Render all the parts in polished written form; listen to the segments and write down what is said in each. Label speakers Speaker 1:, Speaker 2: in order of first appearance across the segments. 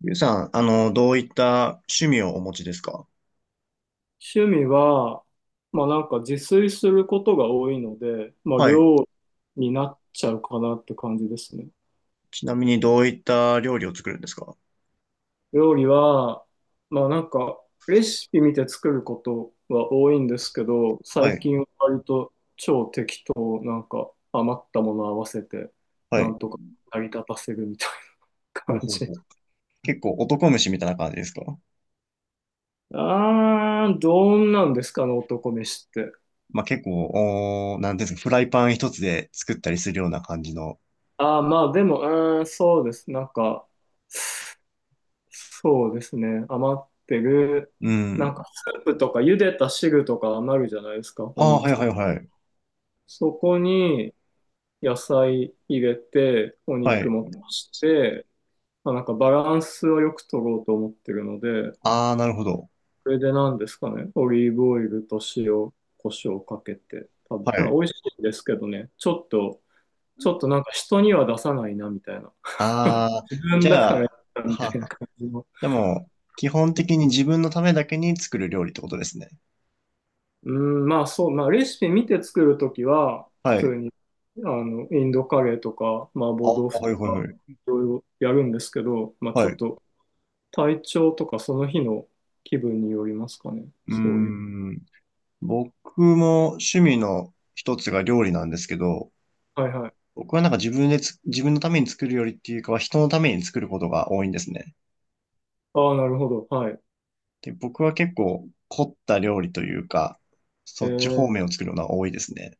Speaker 1: ゆうさん、どういった趣味をお持ちですか？
Speaker 2: 趣味は、まあなんか自炊することが多いので、まあ
Speaker 1: はい。
Speaker 2: 料理になっちゃうかなって感じですね。
Speaker 1: ちなみにどういった料理を作るんですか？
Speaker 2: 料理は、まあなんかレシピ見て作ることは多いんですけど、
Speaker 1: は
Speaker 2: 最
Speaker 1: い。
Speaker 2: 近は割と超適当、なんか余ったもの合わせて、
Speaker 1: は
Speaker 2: な
Speaker 1: い。
Speaker 2: んとか成り立たせるみたいな
Speaker 1: ほう
Speaker 2: 感
Speaker 1: ほう
Speaker 2: じ。
Speaker 1: ほう。結構男飯みたいな感じですか？
Speaker 2: どんなんですかね、男飯って。
Speaker 1: まあ、結構、なんていうんですか、フライパン一つで作ったりするような感じの。
Speaker 2: ああまあでも、うーん、そうです。なんか、そうですね。余ってる、
Speaker 1: う
Speaker 2: なん
Speaker 1: ん。
Speaker 2: かスープとか茹でた汁とか余るじゃないですか、
Speaker 1: あ
Speaker 2: お
Speaker 1: あ、は
Speaker 2: 肉
Speaker 1: いは
Speaker 2: と。
Speaker 1: いはい。
Speaker 2: そこに野菜入れて、お
Speaker 1: は
Speaker 2: 肉
Speaker 1: い。
Speaker 2: も足して、まあ、なんかバランスをよく取ろうと思ってるので、
Speaker 1: ああ、なるほど。
Speaker 2: これで何ですかね、オリーブオイルと塩、胡椒をかけて食
Speaker 1: は
Speaker 2: べ、なんか
Speaker 1: い。
Speaker 2: 美味しいんですけどね、ちょっとなんか人には出さないなみたいな、
Speaker 1: ああ、
Speaker 2: 自
Speaker 1: じ
Speaker 2: 分だか
Speaker 1: ゃ
Speaker 2: ら
Speaker 1: あ、
Speaker 2: み
Speaker 1: は
Speaker 2: たい
Speaker 1: は
Speaker 2: な
Speaker 1: あ。
Speaker 2: 感じの。
Speaker 1: じゃあもう、基本的に自分のためだけに作る料理ってことですね。
Speaker 2: うん、まあそう、まあレシピ見て作るときは、普
Speaker 1: はい。
Speaker 2: 通に、あの、インドカレーとか、麻
Speaker 1: ああ、
Speaker 2: 婆豆腐と
Speaker 1: はいはいは
Speaker 2: か、
Speaker 1: い。
Speaker 2: いろいろやるんですけど、まあちょ
Speaker 1: はい。
Speaker 2: っ
Speaker 1: う
Speaker 2: と体調とかその日の気分によりますかね。
Speaker 1: ー
Speaker 2: そういう。
Speaker 1: ん。僕も趣味の一つが料理なんですけど、
Speaker 2: はいはい。
Speaker 1: 僕はなんか自分のために作るよりっていうかは人のために作ることが多いんですね。
Speaker 2: ああ、なるほど。はい。
Speaker 1: で、僕は結構凝った料理というか、
Speaker 2: え
Speaker 1: そっち方
Speaker 2: ー、
Speaker 1: 面を作るのが多いですね。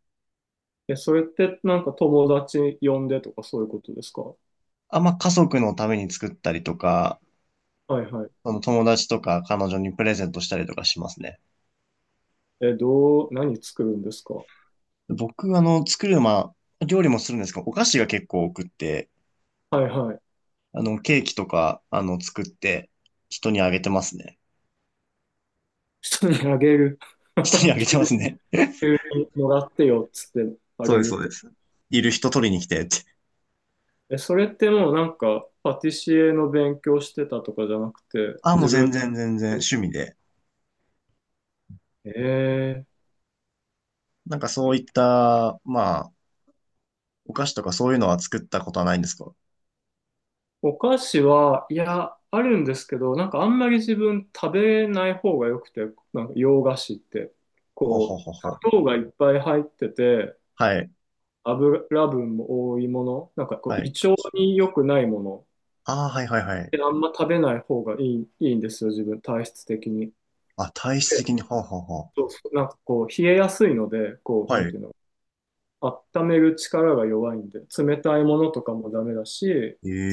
Speaker 2: え、それってなんか友達呼んでとかそういうことですか？は
Speaker 1: あんま家族のために作ったりとか、
Speaker 2: いはい。
Speaker 1: その友達とか彼女にプレゼントしたりとかしますね。
Speaker 2: え、どう、何作るんですか？
Speaker 1: 僕、まあ、料理もするんですけど、お菓子が結構多くって、
Speaker 2: はいはい。
Speaker 1: ケーキとか、作って人にあげてますね。
Speaker 2: 人にあげる。
Speaker 1: 人にあげ てますね。
Speaker 2: 急にもらってよっつってあ
Speaker 1: そ
Speaker 2: げ
Speaker 1: うです、そ
Speaker 2: る。
Speaker 1: うです。いる人取りに来てって。
Speaker 2: え、それってもうなんか、パティシエの勉強してたとかじゃなくて、
Speaker 1: あ、もう
Speaker 2: 自分、
Speaker 1: 全然全然趣味で。
Speaker 2: えー、
Speaker 1: なんかそういった、まあ、お菓子とかそういうのは作ったことはないんですか？
Speaker 2: お菓子は、いや、あるんですけど、なんかあんまり自分食べない方が良くて、なんか洋菓子って、
Speaker 1: ほうほう
Speaker 2: こう、
Speaker 1: ほうほう。
Speaker 2: 砂糖がいっぱい入ってて、
Speaker 1: はい、
Speaker 2: 油分も多いもの、なんかこう、
Speaker 1: は
Speaker 2: 胃
Speaker 1: い。
Speaker 2: 腸に良くないもの、
Speaker 1: ああ、はいはいはい。
Speaker 2: であんま食べない方がいいんですよ、自分、体質的に。
Speaker 1: あ、体質的
Speaker 2: で、
Speaker 1: に、ほうほうほう。
Speaker 2: そうそうなんかこう、冷えやすいので、こう、
Speaker 1: は
Speaker 2: なんて
Speaker 1: い。
Speaker 2: いうの、温める力が弱いんで、冷たいものとかもダメだし、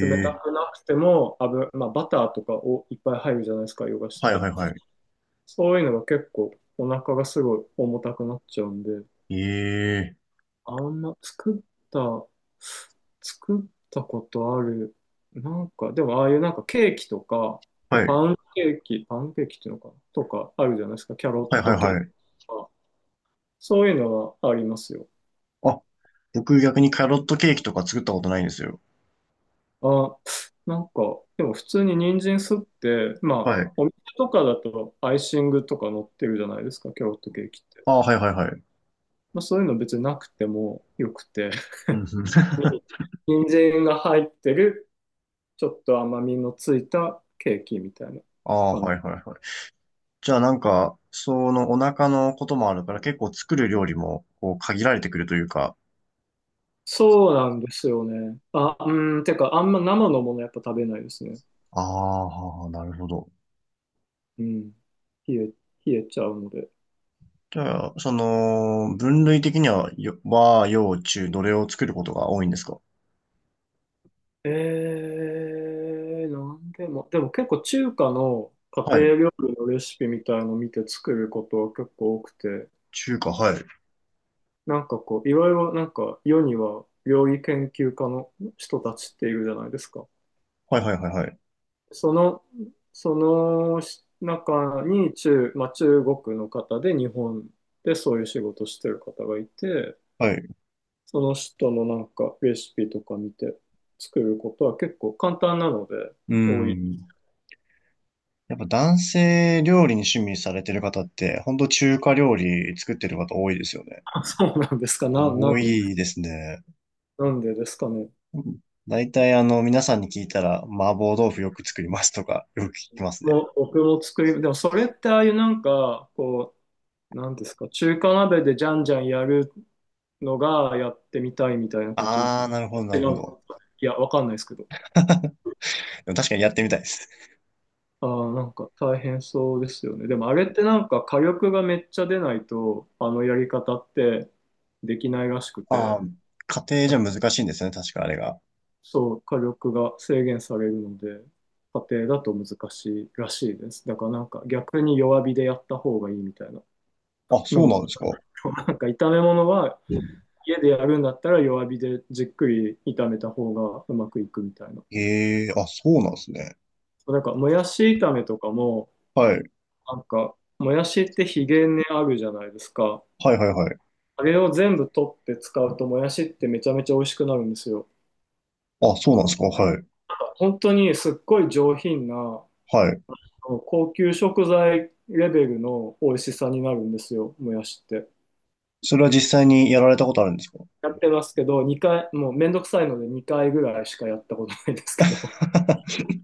Speaker 2: 冷た
Speaker 1: え、
Speaker 2: くなくても油、まあ、バターとかをいっぱい入るじゃないですか、ヨガしっ
Speaker 1: はい
Speaker 2: て。
Speaker 1: はいは
Speaker 2: そういうのが結構お腹がすごい重たくなっちゃうんで、
Speaker 1: い。ええ、
Speaker 2: あんまた、作ったことある、なんか、でもああいうなんかケーキとか、こう
Speaker 1: はい、
Speaker 2: パンケーキっていうのかなとかあるじゃないですか、キャロ
Speaker 1: はい
Speaker 2: ッ
Speaker 1: はい
Speaker 2: トケーキ
Speaker 1: はい。
Speaker 2: とか、そういうのはありますよ。
Speaker 1: あ、僕逆にキャロットケーキとか作ったことないんですよ。
Speaker 2: あ、なんか、でも普通に人参すって、まあ、
Speaker 1: はい。
Speaker 2: お店とかだとアイシングとか乗ってるじゃないですか、キャロットケーキって。
Speaker 1: ああ、はいはいはい。
Speaker 2: まあ、そういうの別になくてもよくて、
Speaker 1: うんうん。
Speaker 2: 人参が入ってる、ちょっと甘みのついたケーキみたいな
Speaker 1: ああ、
Speaker 2: 感じ。
Speaker 1: はいはいはい。じゃあなんか、そのお腹のこともあるから結構作る料理もこう限られてくるというか。
Speaker 2: そうなんですよね。あ、うん、てか、あんま生のものやっぱ食べないですね。
Speaker 1: ああ、はあ、なるほど。
Speaker 2: うん。冷え、冷えちゃうので。
Speaker 1: じゃあ、分類的には、和、洋、中、どれを作ることが多いんですか？
Speaker 2: ええ、なんでも、でも結構中華の家
Speaker 1: はい。
Speaker 2: 庭料理のレシピみたいの見て作ることは結構多くて、
Speaker 1: 中華、はい。
Speaker 2: なんかこう、いろいろなんか世には料理研究家の人たちっているじゃないですか。
Speaker 1: はいはいはいはい。
Speaker 2: その、その中に中、まあ、中国の方で日本でそういう仕事してる方がいて、
Speaker 1: はい。
Speaker 2: その人のなんかレシピとか見て作ることは結構簡単なので
Speaker 1: う
Speaker 2: 多い。
Speaker 1: ん。やっぱ男性料理に趣味されてる方って、ほんと中華料理作ってる方多いですよね。
Speaker 2: そうなんですか。な、なん
Speaker 1: 多いですね。
Speaker 2: なんでですかね。
Speaker 1: うん、大体皆さんに聞いたら、麻婆豆腐よく作りますとか、よく聞きます
Speaker 2: も
Speaker 1: ね。
Speaker 2: う僕も作り、でもそれってああいうなんか、こう、なんですか、中華鍋でじゃんじゃんやるのがやってみたいみたいなこと、
Speaker 1: ああ、なるほど、な
Speaker 2: 違
Speaker 1: るほ
Speaker 2: う、
Speaker 1: ど。
Speaker 2: いや、わかんないですけど。
Speaker 1: でも確かにやってみたいです。
Speaker 2: ああ、なんか大変そうですよね。でもあれってなんか火力がめっちゃ出ないと、あのやり方ってできないらしく
Speaker 1: あ
Speaker 2: て、
Speaker 1: あ、家庭じゃ難しいんですね、確かあれが。
Speaker 2: そう、火力が制限されるので、家庭だと難しいらしいです。だからなんか逆に弱火でやった方がいいみたいな
Speaker 1: あ、
Speaker 2: の
Speaker 1: そうな
Speaker 2: も
Speaker 1: んですか。
Speaker 2: なんか炒め物は家でやるんだったら弱火でじっくり炒めた方がうまくいくみたいな。
Speaker 1: ええ、あ、そうなんですね。
Speaker 2: そうなんかもやし炒めとかも、
Speaker 1: はい。
Speaker 2: なんかもやしってひげ根あるじゃないですか。
Speaker 1: はいはいはい。
Speaker 2: あれを全部取って使うともやしってめちゃめちゃ美味しくなるんですよ。
Speaker 1: あ、そうなんですか。はい。
Speaker 2: 本当にすっごい上品なあ
Speaker 1: はい。
Speaker 2: の高級食材レベルの美味しさになるんですよ、もやしって。
Speaker 1: それは実際にやられたことあるんですか？
Speaker 2: やってますけど、2回、もうめんどくさいので2回ぐらいしかやったことないですけど。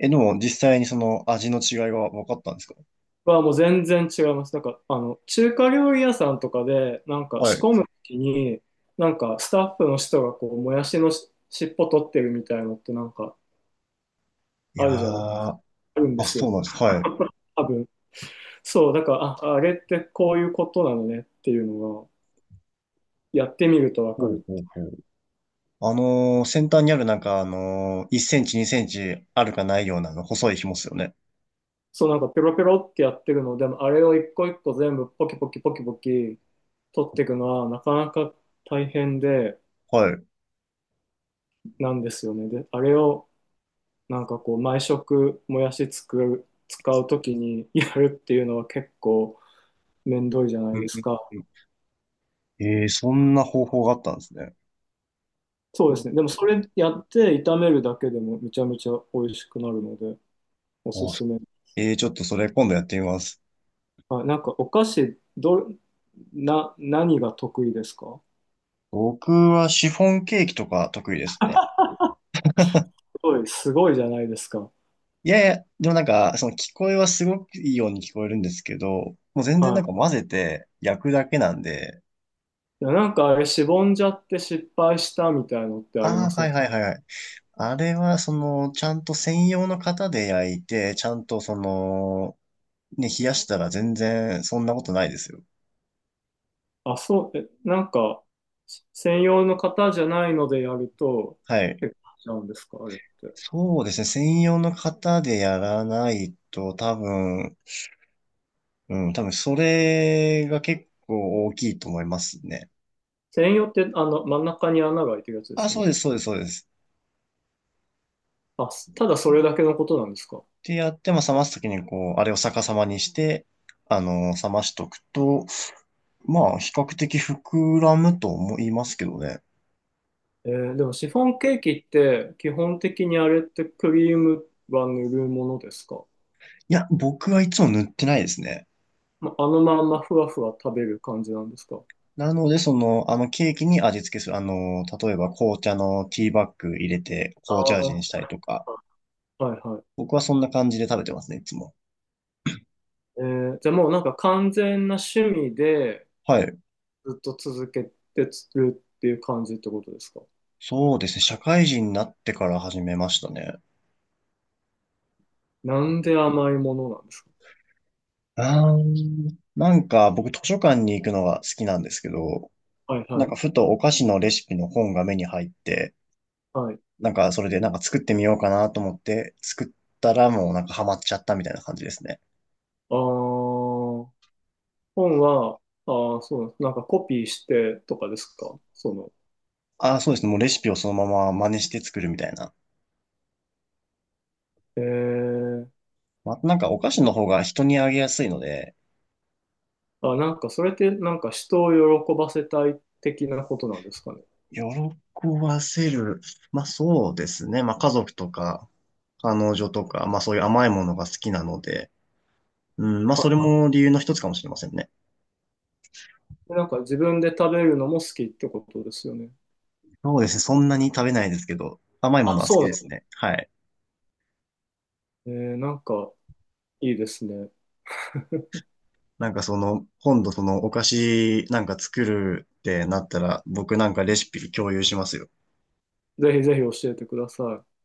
Speaker 1: え、でも実際にその味の違いが分かったんですか？
Speaker 2: はもう全然違います。なんか、あの、中華料理屋さんとかで、なんか
Speaker 1: は
Speaker 2: 仕
Speaker 1: い。
Speaker 2: 込むときに、なんかスタッフの人がこう、もやしのし尻尾取ってるみたいのってなんか
Speaker 1: い
Speaker 2: あ
Speaker 1: やー、
Speaker 2: るじゃない、あるんで
Speaker 1: あ、
Speaker 2: す
Speaker 1: そ
Speaker 2: よ。
Speaker 1: うなんです。はい。
Speaker 2: 多分。そう、だから、あ、あれってこういうことなのねっていうのが、やってみるとわか
Speaker 1: ほう
Speaker 2: る。
Speaker 1: ほうほう。先端にあるなんか1センチ2センチあるかないようなあの細い紐っすよね。
Speaker 2: そう、なんかペロペロってやってるのでも、あれを一個一個全部ポキポキポキポキ取っていくのは、なかなか大変で、
Speaker 1: はい。う
Speaker 2: なんですよね。で、あれを、なんかこう毎食もやし使うときにやるっていうのは結構めんどいじゃな
Speaker 1: ん
Speaker 2: いですか。
Speaker 1: うん、ええ、そんな方法があったんですね。
Speaker 2: そう
Speaker 1: う
Speaker 2: で
Speaker 1: ん、
Speaker 2: すね。でもそれやって炒めるだけでもめちゃめちゃ美味しくなるのでお
Speaker 1: あ
Speaker 2: す
Speaker 1: そ
Speaker 2: すめ。
Speaker 1: ええ、ちょっとそれ今度やってみます。
Speaker 2: はい。なんかお菓子ど、な、何が得意ですか？
Speaker 1: 僕はシフォンケーキとか得意ですね。
Speaker 2: すごい、すごいじゃないですか。
Speaker 1: いやいや、でもなんか、その聞こえはすごくいいように聞こえるんですけど、もう全然なん
Speaker 2: は
Speaker 1: か混ぜて焼くだけなんで、
Speaker 2: い。いやなんかあれしぼんじゃって失敗したみたいのってあり
Speaker 1: あ
Speaker 2: ま
Speaker 1: あ、
Speaker 2: せ
Speaker 1: は
Speaker 2: ん？
Speaker 1: いはいはいはい。あれは、ちゃんと専用の型で焼いて、ちゃんと冷やしたら全然そんなことないですよ。
Speaker 2: あ、そう、え、なんか専用の方じゃないのでやると、
Speaker 1: はい。
Speaker 2: 結構しちゃうんですか、あれって。
Speaker 1: そうですね。専用の型でやらないと多分、うん、多分それが結構大きいと思いますね。
Speaker 2: 専用ってあの真ん中に穴が開いてるやつで
Speaker 1: あ、
Speaker 2: すよ
Speaker 1: そう
Speaker 2: ね。
Speaker 1: です、そうです、そうです。
Speaker 2: あ、すただそれだけのことなんです
Speaker 1: っ
Speaker 2: か。
Speaker 1: てやって、まあ、冷ますときにこう、あれを逆さまにして、冷ましとくと、まあ、比較的膨らむと思いますけどね。
Speaker 2: でもシフォンケーキって基本的にあれってクリームは塗るものですか。
Speaker 1: いや、僕はいつも塗ってないですね。
Speaker 2: まあのまんまふわふわ食べる感じなんですか。
Speaker 1: なので、ケーキに味付けする。例えば紅茶のティーバッグ入れて、
Speaker 2: あ
Speaker 1: 紅茶味にし
Speaker 2: あ、
Speaker 1: たりとか。
Speaker 2: はいはい。
Speaker 1: 僕はそんな感じで食べてますね、いつも。
Speaker 2: じゃあもうなんか完全な趣味で
Speaker 1: はい。
Speaker 2: ずっと続けてるっていう感じってことですか。
Speaker 1: そうですね。社会人になってから始めましたね。
Speaker 2: なんで甘いものなんですか。
Speaker 1: なんか僕図書館に行くのが好きなんですけど、
Speaker 2: はい
Speaker 1: な
Speaker 2: は
Speaker 1: んか
Speaker 2: い。
Speaker 1: ふとお菓子のレシピの本が目に入って、
Speaker 2: はい。
Speaker 1: なんかそれでなんか作ってみようかなと思って作ったらもうなんかハマっちゃったみたいな感じですね。
Speaker 2: ああ。本は、ああ、そう、なんかコピーしてとかですかその、
Speaker 1: ああ、そうですね。もうレシピをそのまま真似して作るみたいな。
Speaker 2: ええ
Speaker 1: まあ、なんかお菓子の方が人にあげやすいので、
Speaker 2: あ、なんかそれってなんか人を喜ばせたい的なことなんですかね。
Speaker 1: 喜ばせる。まあそうですね。まあ家族とか、彼女とか、まあそういう甘いものが好きなので、うん、まあ
Speaker 2: あ、
Speaker 1: それも理由の一つかもしれませんね。
Speaker 2: なんか自分で食べるのも好きってことですよね。
Speaker 1: そうですね。そんなに食べないですけど、甘いも
Speaker 2: あ、
Speaker 1: のは好
Speaker 2: そう
Speaker 1: き
Speaker 2: なん
Speaker 1: で
Speaker 2: で
Speaker 1: すね。はい。
Speaker 2: す。なんかいいですね。
Speaker 1: なんか今度そのお菓子なんか作るってなったら、僕なんかレシピ共有しますよ。
Speaker 2: ぜひぜひ教えてください。